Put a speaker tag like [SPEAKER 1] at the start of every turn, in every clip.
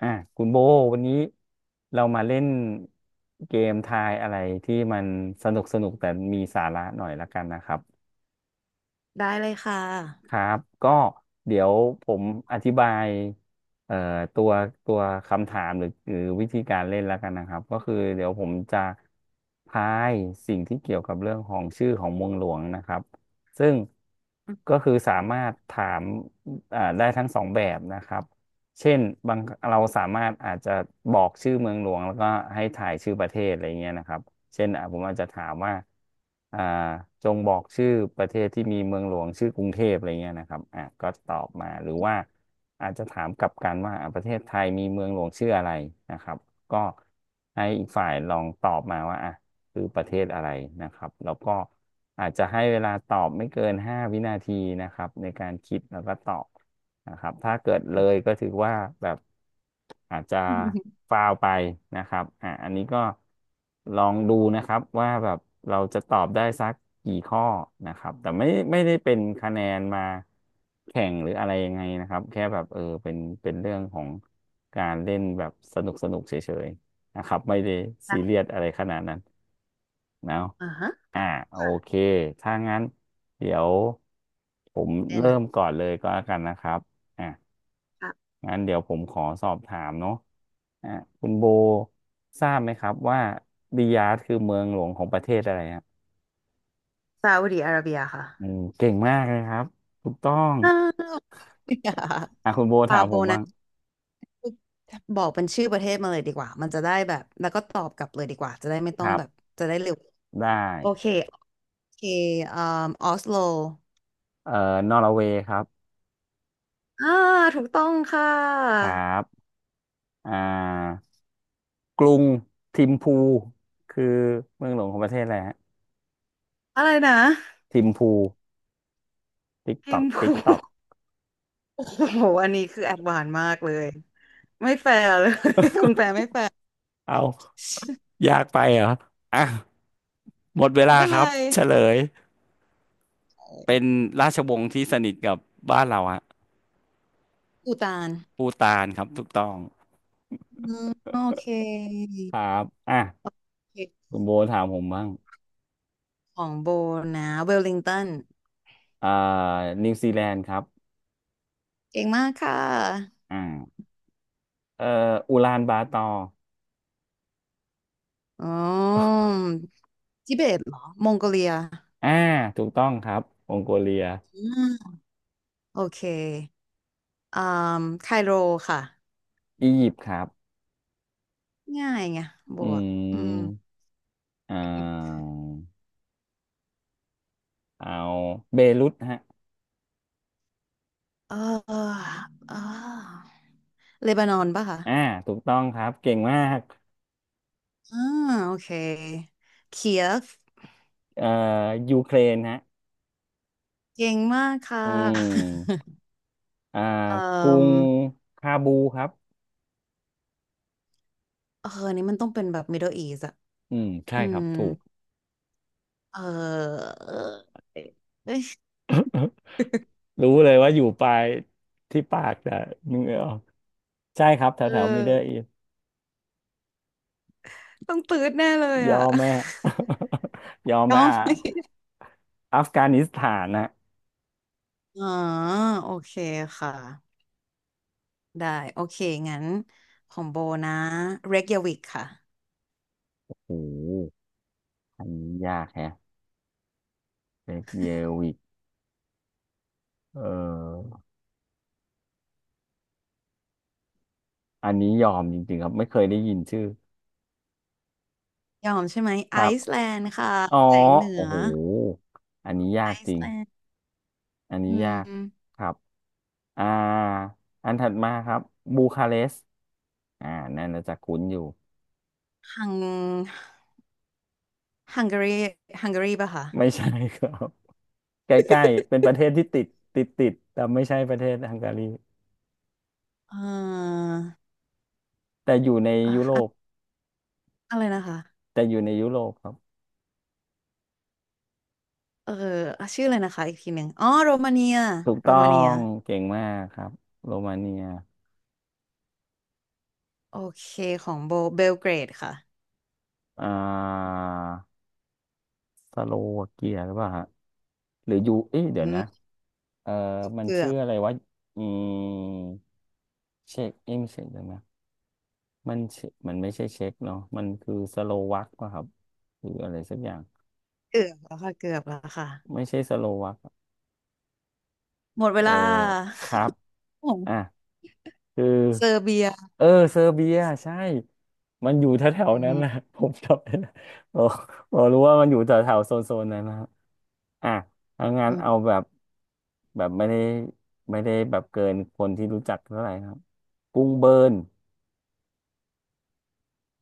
[SPEAKER 1] อ่ะคุณโบวันนี้เรามาเล่นเกมทายอะไรที่มันสนุกสนุกแต่มีสาระหน่อยละกันนะครับ
[SPEAKER 2] ได้เลยค่
[SPEAKER 1] ค
[SPEAKER 2] ะ
[SPEAKER 1] รับก็เดี๋ยวผมอธิบายเอ่อตัวตัวคำถามหรือวิธีการเล่นแล้วกันนะครับก็คือเดี๋ยวผมจะพายสิ่งที่เกี่ยวกับเรื่องของชื่อของเมืองหลวงนะครับซึ่งก็คือสามารถถามได้ทั้งสองแบบนะครับเช่นบางเราสามารถอาจจะบอกชื่อเมืองหลวงแล้วก็ให้ถ่ายชื่อประเทศอะไรเงี้ยนะครับ เช่นอ่ะผมอาจจะถามว่าอ่าจงบอกชื่อประเทศที่มีเมืองหลวงชื่อกรุงเทพอะไรเงี้ยนะครับอ่ะก็ตอบมาหรือว่าอาจจะถามกลับกันว่าอ่ะประเทศไทยมีเมืองหลวงชื่ออะไรนะครับก็ให้อีกฝ่ายลองตอบมาว่าอ่ะคือประเทศอะไรนะครับแล้วก็อาจจะให้เวลาตอบไม่เกิน5 วินาทีนะครับในการคิดแล้วก็ตอบ นะครับถ้าเกิดเลยก็ถือว่าแบบอาจจะฟาวไปนะครับอ่าอันนี้ก็ลองดูนะครับว่าแบบเราจะตอบได้สักกี่ข้อนะครับแต่ไม่ได้เป็นคะแนนมาแข่งหรืออะไรยังไงนะครับแค่แบบเออเป็นเรื่องของการเล่นแบบสนุกสนุกเฉยๆนะครับไม่ได้ซีเรียสอะไรขนาดนั้นเนาะ
[SPEAKER 2] อ่าฮะ
[SPEAKER 1] อ่าโอ
[SPEAKER 2] ค่ะ
[SPEAKER 1] เคถ้างั้นเดี๋ยวผม
[SPEAKER 2] เล่น
[SPEAKER 1] เริ่
[SPEAKER 2] อ่ะ
[SPEAKER 1] มก่อนเลยก็แล้วกันนะครับ อ่ะ
[SPEAKER 2] อ่ะ
[SPEAKER 1] งั้นเดี๋ยวผมขอสอบถามเนาะอ่ะคุณโบทราบไหมครับว่าริยาดคือเมืองหลวงของประเทศอะไรฮะ
[SPEAKER 2] ซาอุดิอาระเบียค่ะ
[SPEAKER 1] อืมเก่งมากเลยครับถูกต้อง
[SPEAKER 2] อ่าอย่า
[SPEAKER 1] อ่ะคุณโบถา
[SPEAKER 2] ปา
[SPEAKER 1] ม
[SPEAKER 2] โบ
[SPEAKER 1] ผมบ้า
[SPEAKER 2] นะ
[SPEAKER 1] ง
[SPEAKER 2] บอกเป็นชื่อประเทศมาเลยดีกว่า มันจะได้แบบ แล้วก็ตอบกลับเลยดีกว่า จะได้ไม่
[SPEAKER 1] ค
[SPEAKER 2] ต้อง
[SPEAKER 1] รับ
[SPEAKER 2] แบบ จะได้เร็ว
[SPEAKER 1] ได้
[SPEAKER 2] โอเคโอเคเอ่มออสโล
[SPEAKER 1] เอ่อนอร์เวย์ครับ
[SPEAKER 2] อ่าถูกต้องค่
[SPEAKER 1] ค
[SPEAKER 2] ะ
[SPEAKER 1] รับอ่ากรุงทิมพูคือเมืองหลวงของประเทศอะไรฮะ
[SPEAKER 2] อะไรนะ
[SPEAKER 1] ทิมพูติ๊กต
[SPEAKER 2] ทิ
[SPEAKER 1] อ
[SPEAKER 2] ม
[SPEAKER 1] กติ๊ก
[SPEAKER 2] พู
[SPEAKER 1] ตอก
[SPEAKER 2] โอ้โหอันนี้คือแอดวานซ์มากเลย ไม่แฟร์เลย คุณแฟร์ไม่แฟร์
[SPEAKER 1] เอายากไปเหรออ่ะหมดเว
[SPEAKER 2] ไม่
[SPEAKER 1] ลา
[SPEAKER 2] เป็น
[SPEAKER 1] ค
[SPEAKER 2] ไร
[SPEAKER 1] รับเฉลย เป็นราชวงศ์ที่สนิทกับบ้านเราฮะ
[SPEAKER 2] ปูตาน
[SPEAKER 1] ปูตานครับถูกต้อง
[SPEAKER 2] อืมโอเค
[SPEAKER 1] ครับอ่ะ
[SPEAKER 2] เขต
[SPEAKER 1] คุณโบถามผมบ้าง
[SPEAKER 2] ของโบนะเวลลิงตัน
[SPEAKER 1] อ่านิวซีแลนด์ครับ
[SPEAKER 2] เก่งมากค่ะ
[SPEAKER 1] อ่าเอ่ออูลานบาตอร์
[SPEAKER 2] อ๋อทิเบตเหรอมองโกเลีย
[SPEAKER 1] อ่าถูกต้องครับมองโกเลีย
[SPEAKER 2] อ่าโอเคอ่าไคโรค่ะ
[SPEAKER 1] อียิปต์ครับ
[SPEAKER 2] ง่ายไงโบ
[SPEAKER 1] อื
[SPEAKER 2] อะอืม
[SPEAKER 1] มอ่าเอาเบรุตฮะ
[SPEAKER 2] เออเออเลบานอนป่ะคะ
[SPEAKER 1] อ่าถูกต้องครับ เก่งมาก
[SPEAKER 2] อ่าโอเคเคียฟ
[SPEAKER 1] เอ่อยูเครนฮะ
[SPEAKER 2] เก่งมากค่ะ
[SPEAKER 1] อืมอ่า
[SPEAKER 2] เอ่
[SPEAKER 1] กรุง
[SPEAKER 2] อ
[SPEAKER 1] คาบูครับ
[SPEAKER 2] เอออันนี้มันต้องเป็นแบบ Middle East อะ
[SPEAKER 1] อืม ใช่
[SPEAKER 2] อื
[SPEAKER 1] ครับ
[SPEAKER 2] ม
[SPEAKER 1] ถูก
[SPEAKER 2] เออ
[SPEAKER 1] รู้เลยว่าอยู่ปลายที่ปากแต่นึกไม่ออกใช่ครับแถ
[SPEAKER 2] เอ
[SPEAKER 1] ว
[SPEAKER 2] อ
[SPEAKER 1] แถวมิดเดิลอีส
[SPEAKER 2] ต้องตืดแน่เลย
[SPEAKER 1] ยอ
[SPEAKER 2] อ่ะ
[SPEAKER 1] มไหม ยอม
[SPEAKER 2] ย
[SPEAKER 1] ไหม
[SPEAKER 2] อม
[SPEAKER 1] อ่ะ
[SPEAKER 2] ไหม่
[SPEAKER 1] อัฟกานิสถานนะ
[SPEAKER 2] อ๋อโอเคค่ะได้โอเคงั้นของโบนะเรกยาวิกค่ะ
[SPEAKER 1] โอ้โหอันนี้ยากแฮะเบเยวิกเอออันนี้ยอมจริงๆครับไม่เคยได้ยินชื่อ
[SPEAKER 2] ยอมใช่ไหม
[SPEAKER 1] ค
[SPEAKER 2] ไอ
[SPEAKER 1] รับ
[SPEAKER 2] ซ์แลนด์ค่ะ
[SPEAKER 1] อ๋อ
[SPEAKER 2] แสงเหนือ
[SPEAKER 1] โอ้โหอันนี้
[SPEAKER 2] ไอ
[SPEAKER 1] ยากจริ
[SPEAKER 2] ซ์
[SPEAKER 1] ง
[SPEAKER 2] แลนด์
[SPEAKER 1] อันนี้
[SPEAKER 2] อื
[SPEAKER 1] ยาก
[SPEAKER 2] ม
[SPEAKER 1] ครับอ่าอันถัดมาครับบูคาเรสต์อ่านั่นน่าจะคุ้นอยู่
[SPEAKER 2] ฮังฮังการีฮังการีป่ะคะ
[SPEAKER 1] ไม่ใช่ครับ ใกล้ๆเป็นประเทศที่ติดแต่ไม่ใช่ประเทศฮังการี
[SPEAKER 2] เอ่อ
[SPEAKER 1] แต่อยู่ใน
[SPEAKER 2] อะ
[SPEAKER 1] ยุโรป
[SPEAKER 2] อะอะไรนะคะ
[SPEAKER 1] แต่อยู่ในยุโรปครับ
[SPEAKER 2] เอออ่ะชื่ออะไรนะคะอีกทีหนึ่งอ๋อโรมาเนีย
[SPEAKER 1] ถูก
[SPEAKER 2] โร
[SPEAKER 1] ต้อ
[SPEAKER 2] มาเนีย
[SPEAKER 1] งเก่งมากครับโรมาเนีย
[SPEAKER 2] โอเคของโบเบลเกรดค่ะ
[SPEAKER 1] อ่าสโลวาเกียหรือเปล่าฮะหรือยูเอ๊ะเดี๋ย
[SPEAKER 2] อื
[SPEAKER 1] วนะ
[SPEAKER 2] ม
[SPEAKER 1] เออมัน
[SPEAKER 2] เกือ
[SPEAKER 1] ชื่อ
[SPEAKER 2] บ
[SPEAKER 1] อะไรวะอืมเช็กเอ๊ะไม่ใช่เดี๋ยวนะมันเชมันไม่ใช่เช็กเนาะมันคือสโลวักป่ะครับหรืออะไรสักอย่าง
[SPEAKER 2] เกือบแล้วค่ะเกือบแล้วค่ะ
[SPEAKER 1] ไม่ใช่สโลวัก
[SPEAKER 2] หมด
[SPEAKER 1] เอ
[SPEAKER 2] เว
[SPEAKER 1] อ
[SPEAKER 2] ลา
[SPEAKER 1] ครับ
[SPEAKER 2] ขอ
[SPEAKER 1] อ่ะ
[SPEAKER 2] ง
[SPEAKER 1] คือ
[SPEAKER 2] เซอร์เบีย
[SPEAKER 1] เออเซอร์เบีย ใช่ มันอยู่แถว
[SPEAKER 2] อือ
[SPEAKER 1] ๆนั้
[SPEAKER 2] หื
[SPEAKER 1] น
[SPEAKER 2] อ
[SPEAKER 1] นะ ผมจำได้นะผมผมรู้ว่ามันอยู่แถวๆโซนๆนั้นนะฮะอ่ะถอางาน
[SPEAKER 2] อืม
[SPEAKER 1] เอาแบบ แบบไม่ได้แบบเกินคนที่รู้จักเท่าไหร่ครับ กรุงเบิร์น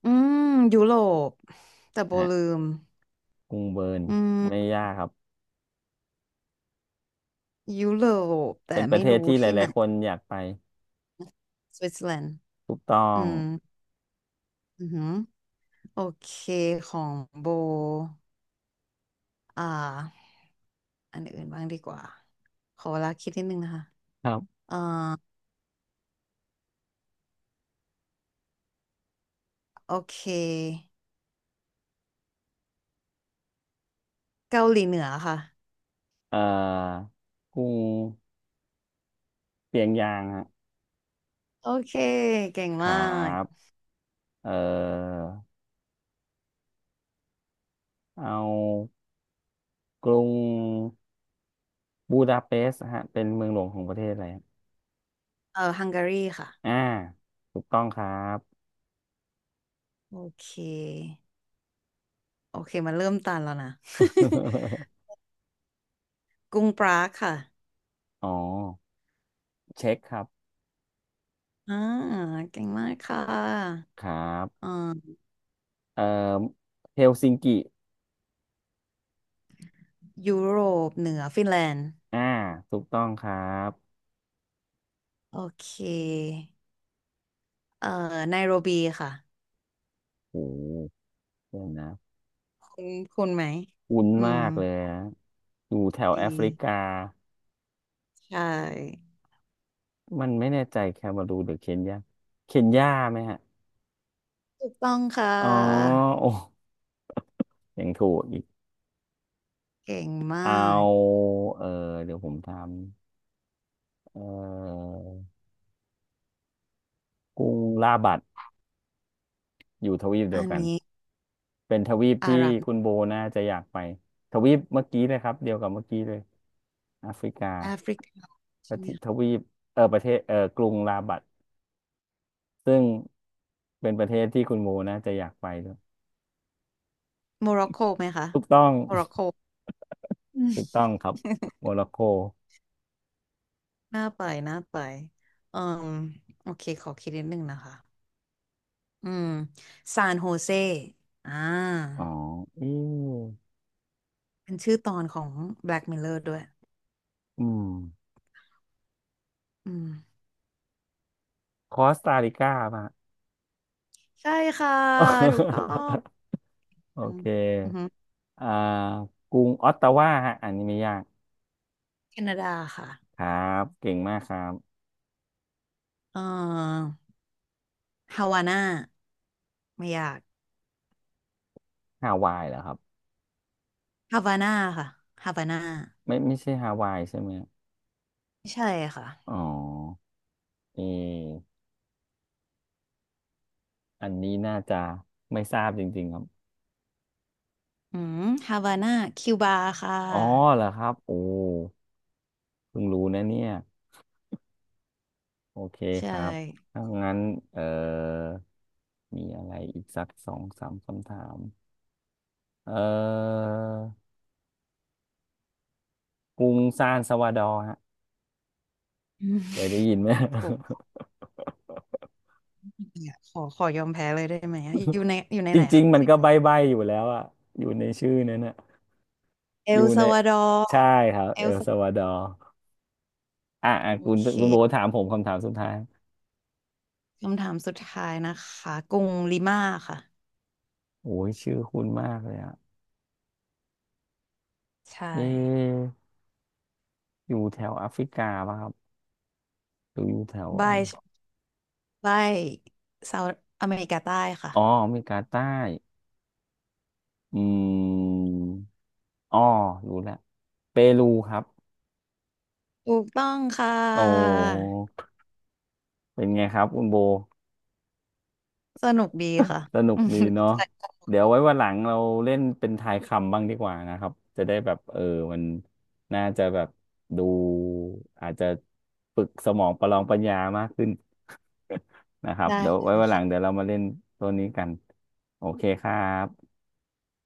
[SPEAKER 2] อืมยุโรปแต่โบ
[SPEAKER 1] ฮะ
[SPEAKER 2] ลืม
[SPEAKER 1] กรุงเบิร์น
[SPEAKER 2] อืม
[SPEAKER 1] ไม่ยากครับ
[SPEAKER 2] ยุโรป
[SPEAKER 1] เป็
[SPEAKER 2] แต่
[SPEAKER 1] นประ
[SPEAKER 2] ไม่
[SPEAKER 1] เทศ
[SPEAKER 2] รู้
[SPEAKER 1] ที่ห
[SPEAKER 2] ที่ไห
[SPEAKER 1] ลา
[SPEAKER 2] น
[SPEAKER 1] ยๆคนอยากไป
[SPEAKER 2] สวิตเซอร์แลนด์
[SPEAKER 1] ถูกต้อ
[SPEAKER 2] อื
[SPEAKER 1] ง
[SPEAKER 2] มอือหือโอเคของโบอ่าอันอื่นบ้างดีกว่าขอเวลาคิดนิดนึงนะคะ
[SPEAKER 1] ครับ
[SPEAKER 2] อ่าโอเคเกาหลีเหนือค่ะ
[SPEAKER 1] เอ่อกรุงเปียงยางฮะ
[SPEAKER 2] โอเคเก่ง
[SPEAKER 1] ค
[SPEAKER 2] มา
[SPEAKER 1] รั
[SPEAKER 2] ก
[SPEAKER 1] บเอ่อเอากรุง บูดาเปสต์ฮะเป็นเมืองหลวงของประเทศอะไรครับ
[SPEAKER 2] เออฮังการีค่ะ
[SPEAKER 1] อ่าถูกต้องครับ
[SPEAKER 2] โอเค โอเคมันเริ่มตันแล้วนะ กรุงปรากค่ะ
[SPEAKER 1] อ๋อ เช็คครับ
[SPEAKER 2] อ่าเก่งมากค่ะ
[SPEAKER 1] ครั
[SPEAKER 2] อ่
[SPEAKER 1] บ
[SPEAKER 2] า
[SPEAKER 1] เอ่อเฮลซิงกิ
[SPEAKER 2] ยุโรปเหนือฟินแลนด์
[SPEAKER 1] อ่าถูกต้องครับ
[SPEAKER 2] โอเคเอ่อไนโรบีค่ะ
[SPEAKER 1] โอ้หเดี๋ยวนะ
[SPEAKER 2] คุณคุณไหม
[SPEAKER 1] คุ้น
[SPEAKER 2] อื
[SPEAKER 1] มา
[SPEAKER 2] ม
[SPEAKER 1] กเลยนะอยู่แถวแอ
[SPEAKER 2] ดี
[SPEAKER 1] ฟริกา
[SPEAKER 2] ใช่
[SPEAKER 1] มันไม่แน่ใจแคเมารูนหรือเคนยาเคนยาไหมฮะ
[SPEAKER 2] ถูกต้องค่ะ
[SPEAKER 1] อ๋อโอ้ยังถูกอีก
[SPEAKER 2] เก่งมา
[SPEAKER 1] เอ
[SPEAKER 2] ก
[SPEAKER 1] า เออ เดี๋ยวผมทำเออกรุงลาบัด อยู่ทวีปเดีย
[SPEAKER 2] อั
[SPEAKER 1] ว
[SPEAKER 2] น
[SPEAKER 1] กัน
[SPEAKER 2] นี้
[SPEAKER 1] เป็นทวีป
[SPEAKER 2] อา
[SPEAKER 1] ที่
[SPEAKER 2] หรับ
[SPEAKER 1] คุณโบน่าจะอยากไปทวีปเมื่อกี้เลยครับเดียวกับเมื่อกี้เลยแอฟริกา
[SPEAKER 2] แอฟริกา
[SPEAKER 1] ป
[SPEAKER 2] ใช่
[SPEAKER 1] ระเท
[SPEAKER 2] ไหม
[SPEAKER 1] ศท
[SPEAKER 2] คะ
[SPEAKER 1] วีปเออประเทศเออกรุงราบัดซึ่งเป็นประเทศที่คุณโบน่าจะอยากไปด้วย
[SPEAKER 2] โมร็อกโกไหมคะ
[SPEAKER 1] ถูกต้อง
[SPEAKER 2] โมร็อกโก อืม
[SPEAKER 1] ถูกต้องครับโมร็อกโก
[SPEAKER 2] น่าไปน่าไปอืมโอเคขอคิดนิดนึงนะคะ อืมซานโฮเซอ่า
[SPEAKER 1] อ๋ออืม
[SPEAKER 2] เป็นชื่อตอนของ Black Mirror ด้วย
[SPEAKER 1] อืม
[SPEAKER 2] อืม
[SPEAKER 1] คอสตา ริกาป่ะ
[SPEAKER 2] ใช่ค่ะถูกต้อ ง
[SPEAKER 1] โอเ
[SPEAKER 2] อือฮึ
[SPEAKER 1] คอ่ากรุงออตตาวาฮะอันนี้ไม่ยาก
[SPEAKER 2] แคนาดาค่ะ
[SPEAKER 1] ครับเก่งมากครับ
[SPEAKER 2] เอ่อฮาวาน่าไม่ยาก
[SPEAKER 1] ฮาวายเหรอครับ
[SPEAKER 2] ฮาวาน่าค่ะฮาวาน่า
[SPEAKER 1] ไม่ใช่ฮาวายใช่ไหม
[SPEAKER 2] ใช่ค่ะ
[SPEAKER 1] อ๋อเอออันนี้น่าจะไม่ทราบจริงๆครับ
[SPEAKER 2] อืมฮาวาน่าคิวบาค่ะ
[SPEAKER 1] อ๋อเหรอครับโอ้เพิ่งรู้นะเนี่ยโอเคค
[SPEAKER 2] ใช่
[SPEAKER 1] รับถ้างั้นเออมีอะไรอีกสักสองสามคำถามเออกรุงซานซาวาดอร์ฮะ
[SPEAKER 2] อืม
[SPEAKER 1] เคยได้ยินไหม
[SPEAKER 2] ผมเนี่ยขอยอมแพ้เลยได้ไหมอะอยู่ใน
[SPEAKER 1] จ
[SPEAKER 2] ไหน
[SPEAKER 1] ริง
[SPEAKER 2] คะ
[SPEAKER 1] ๆมันก็ใบ้ๆอยู่แล้วอะอยู่ในชื่อนั้นอะ
[SPEAKER 2] เอ
[SPEAKER 1] อยู่
[SPEAKER 2] ล
[SPEAKER 1] ใน
[SPEAKER 2] ซัลวาดอร์
[SPEAKER 1] ใช่ครับ
[SPEAKER 2] เอ
[SPEAKER 1] เอ
[SPEAKER 2] ล
[SPEAKER 1] ล
[SPEAKER 2] ซั
[SPEAKER 1] ซัลวาดอร์อ่ะอ่ะ
[SPEAKER 2] โอ
[SPEAKER 1] คุณ
[SPEAKER 2] เค
[SPEAKER 1] คุณโบถามผมคำถามสุดท้าย
[SPEAKER 2] คำถามสุดท้ายนะคะกรุงลิมาค่ะ
[SPEAKER 1] โอ้ยชื่อคุณมากเลยอะ
[SPEAKER 2] ใช่
[SPEAKER 1] เอะอยู่แถวแอฟริกาป่ะครับหรืออยู่แถวอะ
[SPEAKER 2] บา
[SPEAKER 1] ไร
[SPEAKER 2] ยบายเซาท์อเมริกาใต้ค่ะ
[SPEAKER 1] อ๋ออเมริกาใต้อืมอ๋อรู้แล้วเปรูครับ
[SPEAKER 2] ถูกต้องค่
[SPEAKER 1] โอ้
[SPEAKER 2] ะ
[SPEAKER 1] เป็นไงครับคุณโบ
[SPEAKER 2] สนุกดีค่ะ
[SPEAKER 1] สนุ ก
[SPEAKER 2] อืม
[SPEAKER 1] ดีเนาะเดี๋ยวไว้วันหลังเราเล่นเป็นทายคำบ้างดีกว่านะครับ จะได้แบบเออ มันน่าจะแบบดูอาจจะฝึกสมองประลองปัญญามากขึ้น นะครับ
[SPEAKER 2] ได้
[SPEAKER 1] เดี๋ยวไว้วันหลั
[SPEAKER 2] ค่ะ
[SPEAKER 1] งเดี๋ยวเรามาเล่นตัวนี้กันโอเคครับ